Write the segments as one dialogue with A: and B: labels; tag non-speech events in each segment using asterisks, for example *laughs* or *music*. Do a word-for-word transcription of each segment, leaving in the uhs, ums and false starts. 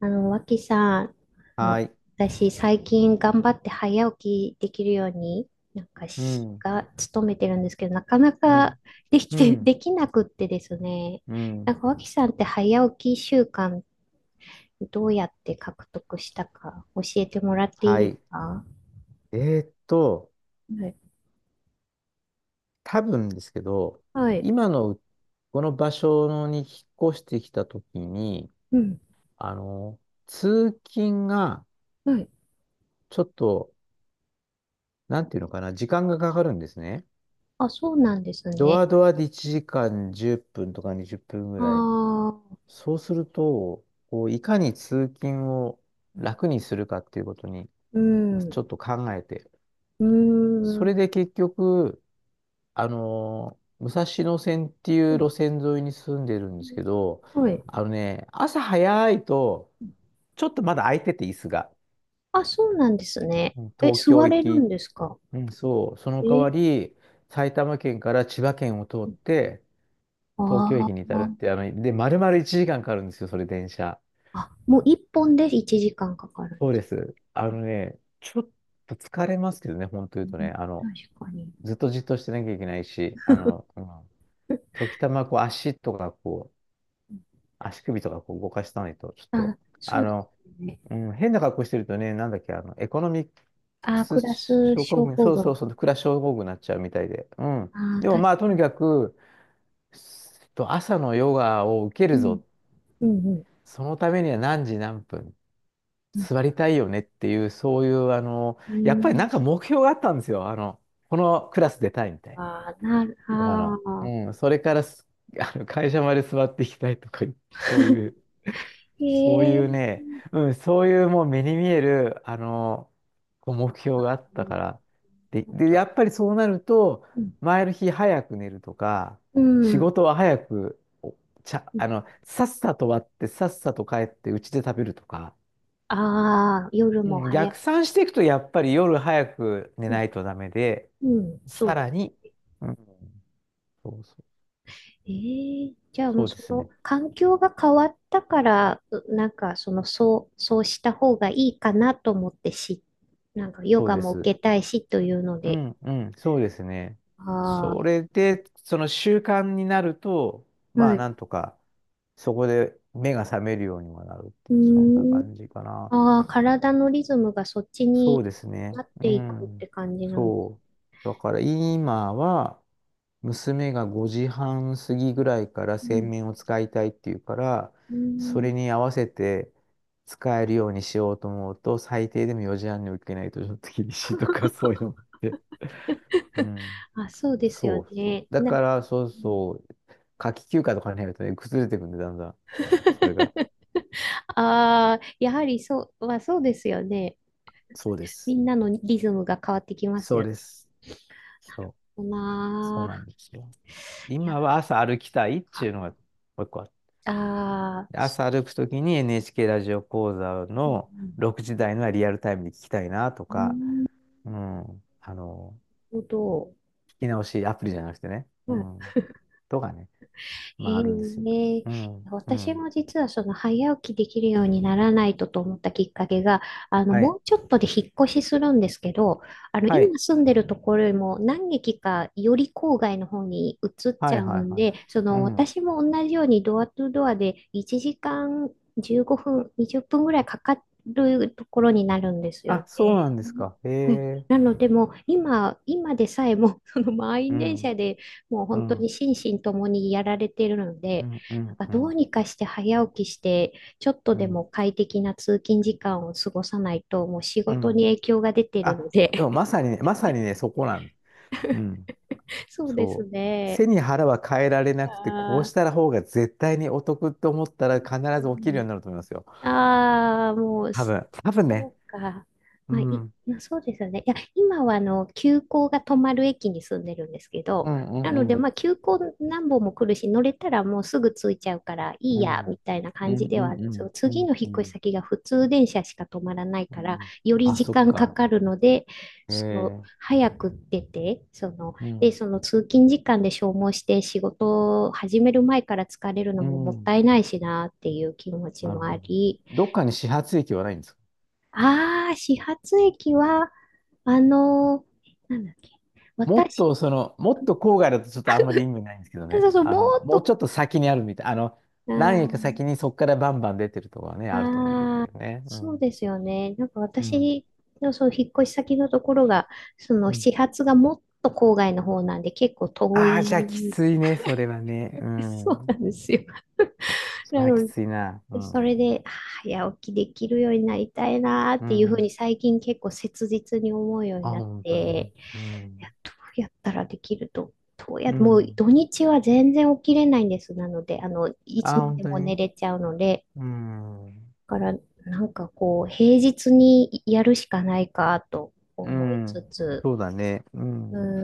A: あの、脇さん、あの
B: はい。
A: 私、最近頑張って早起きできるように、なんか
B: う
A: し、
B: ん、
A: が、努めてるんですけど、なかな
B: う
A: か
B: ん、
A: でき
B: う
A: て、*laughs*
B: ん、
A: できなくってですね。
B: う
A: な
B: ん。
A: んか、脇さんって早起き習慣、どうやって獲得したか、教えてもらっていい
B: は
A: です
B: い。
A: か？
B: えーっと、
A: はい。
B: 多分ですけど、
A: はい。
B: 今のうこの場所に引っ越してきたときに、
A: うん。
B: あの、通勤が
A: はい。
B: ちょっと、なんていうのかな、時間がかかるんですね。
A: あ、そうなんです
B: ドア
A: ね。
B: ドアでいちじかんじゅっぷんとかにじゅっぷんぐ
A: あ
B: らい。
A: あ、
B: そうすると、こういかに通勤を楽にするかっていうことに、
A: うん。
B: ち
A: う
B: ょっと考えて、
A: ー
B: そ
A: ん。
B: れで結局、あのー武蔵野線ってい
A: う
B: う路
A: ん。
B: 線沿いに住んでるんですけど、
A: はい。
B: あのね、朝早いと、ちょっとまだ空いてて、椅子が。
A: あ、そうなんですね。
B: うん、
A: え、
B: 東京
A: 座
B: 行
A: れるん
B: き。
A: ですか？
B: うん。そう、その代わ
A: えー、
B: り、埼玉県から千葉県を通って、東京駅
A: あ
B: に至るって、
A: ー。
B: あの、で、丸々1時間かんかかるんですよ、それ電車。
A: あ、もう一本でいちじかんかんかかるん
B: そ
A: で
B: うで
A: す。
B: す。あのね、ちょっと疲れますけどね、本当言
A: う
B: うと
A: ん。
B: ね、あの、
A: 確かに。
B: ずっとじっとしてなきゃいけないし、あの、うん時たまこう足とかこ足首とかこう動かしたないと、ちょっ
A: あ、
B: と、
A: そ
B: あ
A: うです
B: の、
A: ね。
B: うん、変な格好してるとね、なんだっけ、あの、エコノミック
A: あ、
B: ス
A: クラス
B: 症候
A: 症
B: 群、
A: 候
B: そうそう
A: 群。
B: そう、クラス症候群になっちゃうみたいで。うん。
A: あー、
B: でも
A: 確か
B: まあ、とに
A: に。
B: かく、すと朝のヨガを受け
A: う
B: る
A: ん、
B: ぞ。
A: うん、
B: そのためには何時何分
A: うん。
B: 座りたいよねっていう、そういう、あの、
A: う
B: やっぱり
A: ん、
B: なんか目標があったんですよ。あの、このクラス出たいみたい
A: あー、なる、
B: な。ヨガ
A: あ
B: の。
A: ー。
B: うん。それからす、あの、会社まで座っていきたいとか、そういう。
A: *laughs* へ
B: そう
A: え
B: いう
A: ー。
B: ね、うん、そういうもう目に見える、あの、こう目標があっ
A: う
B: たか
A: ん。
B: ら。で、
A: あ
B: で、
A: と、
B: やっぱりそうなると、
A: うん。
B: 前の日早く寝るとか、
A: う
B: 仕
A: ん。
B: 事は早く、おちゃ、あの、さっさと終わって、さっさと帰って家で食べるとか、
A: ああ、夜
B: う
A: も
B: ん、
A: 早い。
B: 逆算していくと、やっぱり夜早く寝
A: うん、
B: ないとダメで、
A: うん、そう
B: さ
A: です。
B: らに、うん、そうそう、
A: ええ、じゃあもう
B: そうで
A: そ
B: す
A: の
B: ね。
A: 環境が変わったから、うなんかそのそう、そうした方がいいかなと思ってし、なんかヨ
B: そう
A: ガ
B: で
A: も受
B: す。
A: けたいしというの
B: う
A: で、
B: ん、うん、そうですね。
A: あ
B: そ
A: あ、
B: れで、その習慣になると、ま
A: は
B: あ、
A: い。
B: なんとか、そこで目が覚めるようにもなるって
A: う
B: いう、そんな
A: ーん、
B: 感じかな。
A: ああ、体のリズムがそっち
B: そう
A: に
B: です
A: な
B: ね。
A: っ
B: う
A: ていくって
B: ん。
A: 感じなんです。
B: そう。だから、今は、娘がごじはん過ぎぐらいから
A: う
B: 洗
A: ん、
B: 面を使いたいっていうから、
A: うー
B: そ
A: ん、
B: れに合わせて使えるようにしようと思うと、最低でもよじはんに起きないとちょっと厳しいとか、そういうのもあって。うん。
A: あ、そうですよ
B: そうそ
A: ね。
B: う。だ
A: な、
B: から、そうそう、夏季休暇とかに入るとね、崩れてくんで、だんだん、
A: あ。 *laughs*
B: それが。
A: あ、やはりそう、まあ、そうですよね。
B: そうで
A: み
B: す。
A: んなのリズムが変わってきます
B: そう
A: よ
B: です。そう、
A: ね。
B: そ
A: な
B: うな
A: あ。
B: んですよ。
A: いや。
B: 今は朝歩きたいって
A: あ。
B: いうのがもう一個あっ
A: あ
B: て、
A: ー、そ
B: 朝歩くときに エヌエイチケー ラジオ講座
A: う。う
B: のろくじ台のはリアルタイムで聞きたいなと
A: ん。
B: か、
A: なる
B: うん、あの、
A: ほど。
B: 聞き直しアプリじゃなくてね、
A: ま
B: う
A: あ、
B: ん、とかね、まあ
A: へ
B: あるんですよ。
A: え、
B: うん、う
A: 私
B: ん。
A: も実はその早起きできるようにならないとと思ったきっかけが、あの、
B: は
A: も
B: い、
A: うちょっとで引っ越しするんですけど、あの、
B: はい、
A: 今住んでるところよりも何駅かより郊外の方に移っ
B: は
A: ちゃ
B: い、
A: う
B: はい、
A: ん
B: はい。
A: で、そ
B: う
A: の
B: ん。
A: 私も同じようにドアトゥドアでいちじかんじゅうごふん、にじゅっぷんぐらいかかるところになるんですよね。
B: あ、そうなんですか。へ
A: はい。
B: え。
A: なのでもう今、今でさえもその満
B: う
A: 員電車
B: ん、
A: でもう
B: う
A: 本当に
B: ん、
A: 心身ともにやられてるの
B: う
A: で、
B: ん、う
A: なん
B: ん、
A: か
B: う
A: どう
B: ん、
A: にかして早起きして、ちょっと
B: う
A: で
B: ん。
A: も快適な通勤時間を過ごさないと、もう仕
B: う
A: 事に
B: ん
A: 影響が出てるの
B: あ、
A: で。
B: でもまさにね、まさにね、そこなんうん、
A: *laughs* そうです
B: そう。
A: ね。
B: 背に腹は変えられなくて、こうし
A: あ
B: たら方が絶対にお得って思ったら必
A: ー、う
B: ず起きるように
A: ん。
B: なると思いますよ。
A: あー、もう。
B: 多
A: そ
B: 分、多分ね。
A: うか。
B: う
A: まあ、
B: ん、う
A: い、
B: ん、
A: そうですよね。いや、今はあの、急行が止まる駅に住んでるんですけ
B: う
A: ど、なので、
B: ん、うん、
A: まあ、急行何本も来るし、乗れたらもうすぐ着いちゃうから、いい
B: う
A: や、
B: ん、うん、
A: みたいな
B: う
A: 感
B: ん、
A: じではあるん
B: う
A: ですよ。
B: ん、うん、
A: 次の引
B: う
A: っ越し
B: ん。
A: 先が普通電車しか止まらない
B: う
A: から、
B: ん
A: より
B: あ、
A: 時
B: そっ
A: 間か
B: か。
A: かるので、
B: え
A: その、
B: え、
A: 早く出て、その、
B: う
A: で、
B: ん、
A: その通勤時間で消耗して仕事を始める前から疲れるの
B: う
A: ももっ
B: ん、
A: たいないしなっていう気持ち
B: なる
A: もあ
B: ほど。
A: り、
B: どっかに始発駅はないんですか？
A: ああ、始発駅は、あのーなんだっけ。
B: もっ
A: 私、
B: とその、もっと郊外だとちょっとあんまり意味ないんですけどね。
A: そうそう、
B: あ
A: も
B: の、
A: っ
B: もうちょ
A: と、
B: っと先にあるみたい。あの、
A: あ
B: 何駅か
A: ー。
B: 先にそこからバンバン出てるとこはね、あるとね、いいん
A: あ
B: だけど
A: ー、
B: ね。う
A: そう
B: ん。
A: ですよね。なんか
B: うん。
A: 私のその引っ越し先のところが、その
B: うん。
A: 始発がもっと郊外の方なんで、結構遠
B: ああ、じゃあき
A: い。
B: ついね、それはね。う
A: そうな
B: ん。
A: んですよ。*laughs*
B: そ
A: な
B: れはき
A: の
B: ついな。う
A: で、そ
B: ん。
A: れで、あー早起きできるようになりたいなーっ
B: う
A: ていうふう
B: ん。
A: に最近結構切実に思うように
B: あ、
A: なっ
B: 本当に。
A: て、
B: う
A: いや、
B: ん。
A: どうやったらできると、どうや、
B: う
A: もう
B: ん。
A: 土日は全然起きれないんです。なので、あの、いつ
B: あ、
A: ま
B: 本
A: で
B: 当
A: も寝
B: に。
A: れちゃうので、
B: うん。
A: だから、なんかこう、平日にやるしかないかと
B: う
A: 思いつ
B: ん。
A: つ、
B: そうだね。う
A: うー
B: ん。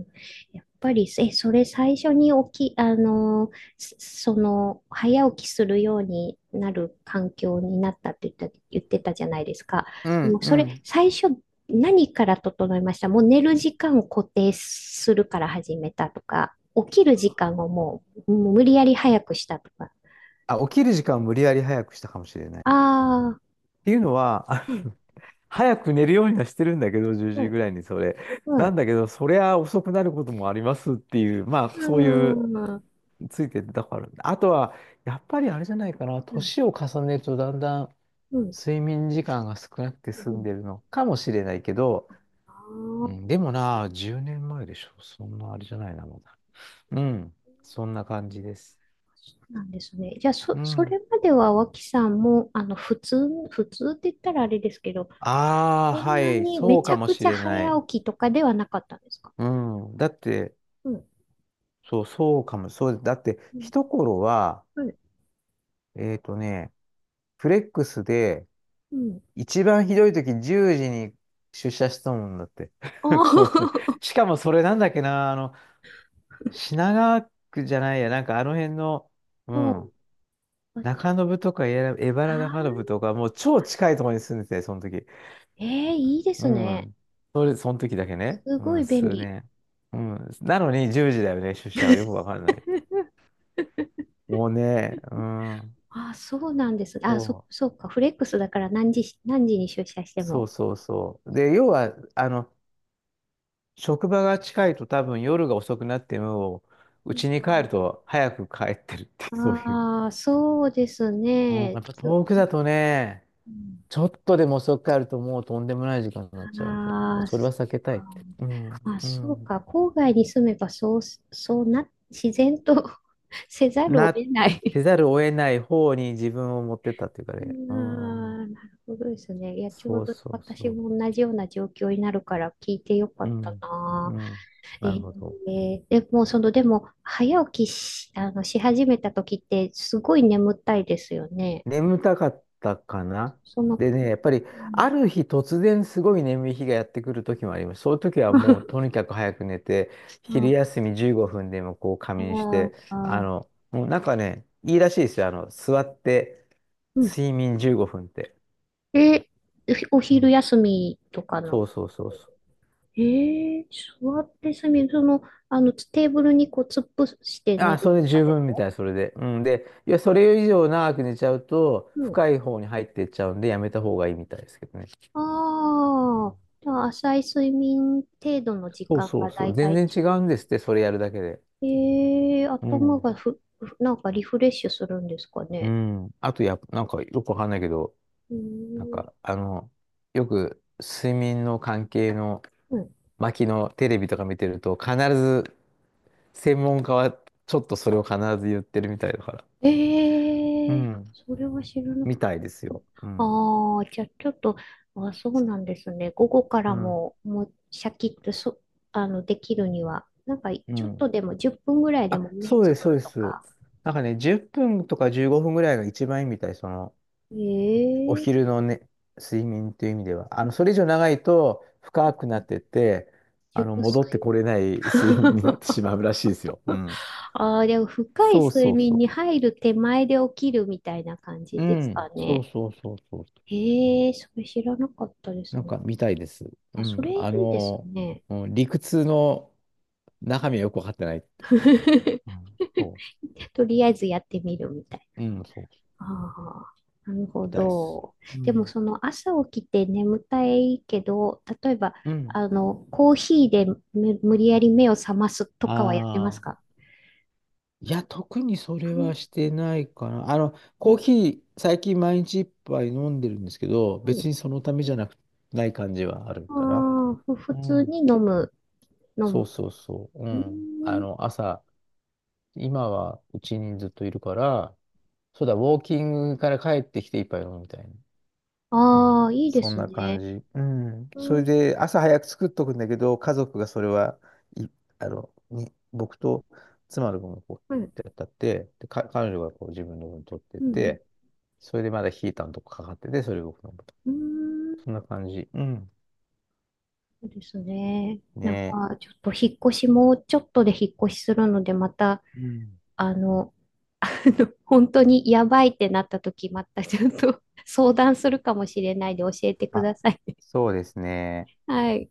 A: ん。やっぱり、え、それ最初に起き、あの、すその、早起きするようになる環境になったって言った、言ってたじゃないですか。
B: う
A: も
B: ん。
A: う
B: う
A: それ、
B: ん。
A: 最初、何から整いました？もう寝る時間を固定するから始めたとか、起きる時間をもう、もう無理やり早くしたとか。
B: あ、起きる時間を無理やり早くしたかもしれない。っ
A: ああ、
B: ていうのは、あ、
A: うん、
B: 早く寝るようにはしてるんだけど、10
A: う
B: 時
A: ん、
B: ぐらいにそれ。
A: う
B: なん
A: ん、
B: だけど、そりゃ遅くなることもありますっていう、まあ、
A: う
B: そういう、
A: ん、うん、
B: ついてたから。あとは、やっぱりあれじゃないかな、
A: う
B: 年を重ねるとだんだん
A: ん、
B: 睡眠時間が少なくて
A: う
B: 済ん
A: ん、
B: でるのかもしれないけど、
A: ああ、
B: うん、でもな、じゅうねんまえでしょ。そんなあれじゃないな、まだ。うん、そんな感じです。
A: そうなんですね。じゃあ、そ、
B: う
A: そ
B: ん。
A: れまでは脇さんも、あの、普通、普通って言ったらあれですけど、
B: ああ、
A: こん
B: は
A: な
B: い、
A: に
B: そ
A: め
B: う
A: ち
B: か
A: ゃ
B: も
A: く
B: し
A: ちゃ
B: れな
A: 早
B: い。
A: 起きとかではなかったんですか？
B: うん、だって、
A: うん。
B: そう、そうかも、そう、だって、
A: うん。
B: 一頃は、
A: はい。
B: えっとね、フレックスで、
A: うん。
B: 一番ひどい時じゅうじに出社したもんだって。
A: あ
B: *laughs* もうね、
A: ー。
B: しかもそれなんだっけな、あの、品川区じゃないや、なんかあの辺の、
A: *laughs*
B: う
A: お
B: ん、
A: ー。あー、
B: 中延とか江原中延とか、もう超近いところに住んでて、その時。
A: ええ、いいです
B: う
A: ね。
B: ん。それ、その時だけね。
A: す
B: う
A: ご
B: ん、
A: い便
B: 数
A: 利。
B: 年。うん。なのにじゅうじだよね、出社はよくわかんない。もうね、うん。
A: あー、そうなんです。あー、そ、
B: そ
A: そ
B: う。
A: うか。フレックスだから何時、何時に出社して
B: そ
A: も。
B: うそうそう。で、要は、あの、職場が近いと多分夜が遅くなっても、
A: う
B: う
A: ん。
B: ちに帰ると早く帰ってるって、*laughs* そういう。
A: ああ、そうです
B: うん、や
A: ね。
B: っぱ遠く
A: 次。
B: だとね、
A: うん。
B: ちょっとでも遅く帰るともうとんでもない時間になっちゃうんで、もう
A: ああ、
B: そ
A: そ
B: れは避け
A: っ
B: たいっ
A: か。
B: て。うん、
A: まあ、
B: う
A: そう
B: ん。
A: か。郊外に住めば、そう、そうな、自然と *laughs* せざるを
B: な
A: 得
B: っ
A: ない。
B: てざるを得ない方に自分を持ってったっていうか
A: あ
B: ね。う
A: あ、
B: ん。
A: なるほどですね。いや、ちょ
B: そ
A: う
B: う
A: ど
B: そう
A: 私
B: そ
A: も同じような状況になるから聞いてよか
B: う。う
A: った
B: ん。
A: な。
B: うん。
A: え
B: なるほど。
A: ー、でも、その、でも、早起きし、あの、し始めた時って、すごい眠たいですよね。
B: 眠たかったかな。
A: その、
B: で
A: う
B: ね、やっぱり
A: ん。
B: ある日突然すごい眠い日がやってくる時もあります。そういう時はもうとに
A: *laughs*
B: かく早く寝て、昼
A: あ
B: 休みじゅうごふんでもこう
A: あ、
B: 仮眠し
A: *laughs*
B: て、
A: あ
B: あ
A: あ、
B: の、もうなんかね、いいらしいですよ。あの、座って
A: うん。
B: 睡眠じゅうごふんって。
A: え、お
B: う
A: 昼
B: ん、
A: 休みとかの？
B: そうそうそうそう。
A: ええ、座ってすみる。その、あの、テーブルにこう突っ伏して寝
B: あ、
A: る
B: そ
A: と
B: れで
A: か
B: 十
A: で
B: 分み
A: も？
B: たい、それで。うん。で、いや、それ以上長く寝ちゃうと、
A: うん。
B: 深い方に入っていっちゃうんで、やめた方がいいみたいですけどね。うん、
A: ああ、じゃあ浅い睡眠程度の時
B: そう
A: 間
B: そ
A: が
B: うそ
A: だ
B: う。
A: いた
B: 全
A: い
B: 然
A: 中。
B: 違うんですって、それやるだけで。
A: ええ、
B: う
A: 頭
B: ん。
A: がふ、ふなんかリフレッシュするんですか
B: う
A: ね。
B: ん。あと、やっぱ、なんかよくわかんないけど、
A: うー
B: なん
A: ん。
B: か、あの、よく睡眠の関係の
A: うん。
B: 巻のテレビとか見てると、必ず専門家はちょっとそれを必ず言ってるみたいだから。う
A: ええ、
B: ん。
A: それは知らなか。
B: みたいですよ。うん。
A: ああ、じゃあちょっと、あ、そうなんですね。午後か
B: う
A: ら
B: ん。
A: も、もうシャキッとそ、あの、できるには、なんか
B: う
A: ちょっと
B: ん。
A: でもじゅっぷんぐらいで
B: あ、
A: も目
B: そう
A: つ
B: です、
A: ぶ
B: そう
A: る
B: で
A: と
B: す。
A: か。
B: なんかね、じゅっぷんとかじゅうごふんぐらいが一番いいみたい、その、お
A: え
B: 昼
A: え、
B: のね、睡眠という意味では。あの、それ以上長いと深くなってって、あ
A: 熟
B: の、戻って
A: 睡。
B: これない *laughs* 睡眠になってし
A: *laughs*
B: まうらしいですよ。うん。
A: ああ、でも深い
B: そう
A: 睡
B: そう
A: 眠
B: そ
A: に入る手前で起きるみたいな感
B: う。
A: じ
B: う
A: ですか
B: ん、そう
A: ね。
B: そうそうそう。
A: ええ、それ知らなかったです
B: なん
A: ね。
B: か見たいです。
A: あ、
B: う
A: そ
B: ん、
A: れい
B: あ
A: いです
B: の
A: ね。
B: うん、理屈の中身はよくわかってない。う
A: *laughs*
B: ん、そ
A: とりあえずやってみるみたいな。
B: う、うん、そう、
A: ああ、なるほ
B: みたいです。
A: ど。
B: う
A: でも
B: ん、
A: その朝起きて眠たいけど、例えば、
B: うん。
A: あの、コーヒーでむ無理やり目を覚ますとかはやってます
B: ああ。
A: か？
B: いや、特にそれはしてないかな。あの、
A: う
B: コー
A: ん。
B: ヒー、最近毎日一杯飲んでるんですけど、
A: う
B: 別
A: ん。
B: にそのためじゃなく、ない感じはある
A: あ
B: かな。
A: あ、ふ普
B: う
A: 通に
B: ん。
A: 飲む、飲
B: そう
A: む。
B: そうそう。う
A: う
B: ん。あ
A: ん。
B: の、朝、今はうちにずっといるから、そうだ、ウォーキングから帰ってきて一杯飲むみたいな。うん、
A: ああ、いいで
B: そん
A: す
B: な感
A: ね。
B: じ。うん。
A: う
B: それ
A: ん、
B: で、朝早く作っとくんだけど、家族がそれは、い、あの、に、僕と妻の分をこ
A: はい。
B: う、やったって、で、か、彼女がこう自分の分取って
A: うん、うん。
B: て、それでまだヒーターのとこかかってて、それ僕の分と。
A: うん。
B: そんな感じ。うん。
A: そうですね。なん
B: ね
A: か、ちょっと引っ越しも、ちょっとで引っ越しするので、また、
B: え。うん。
A: あの、*laughs* 本当にやばいってなった時、またちょっと *laughs* 相談するかもしれないで教えてく
B: あ、
A: ださい。*laughs*
B: そうですね。
A: はい。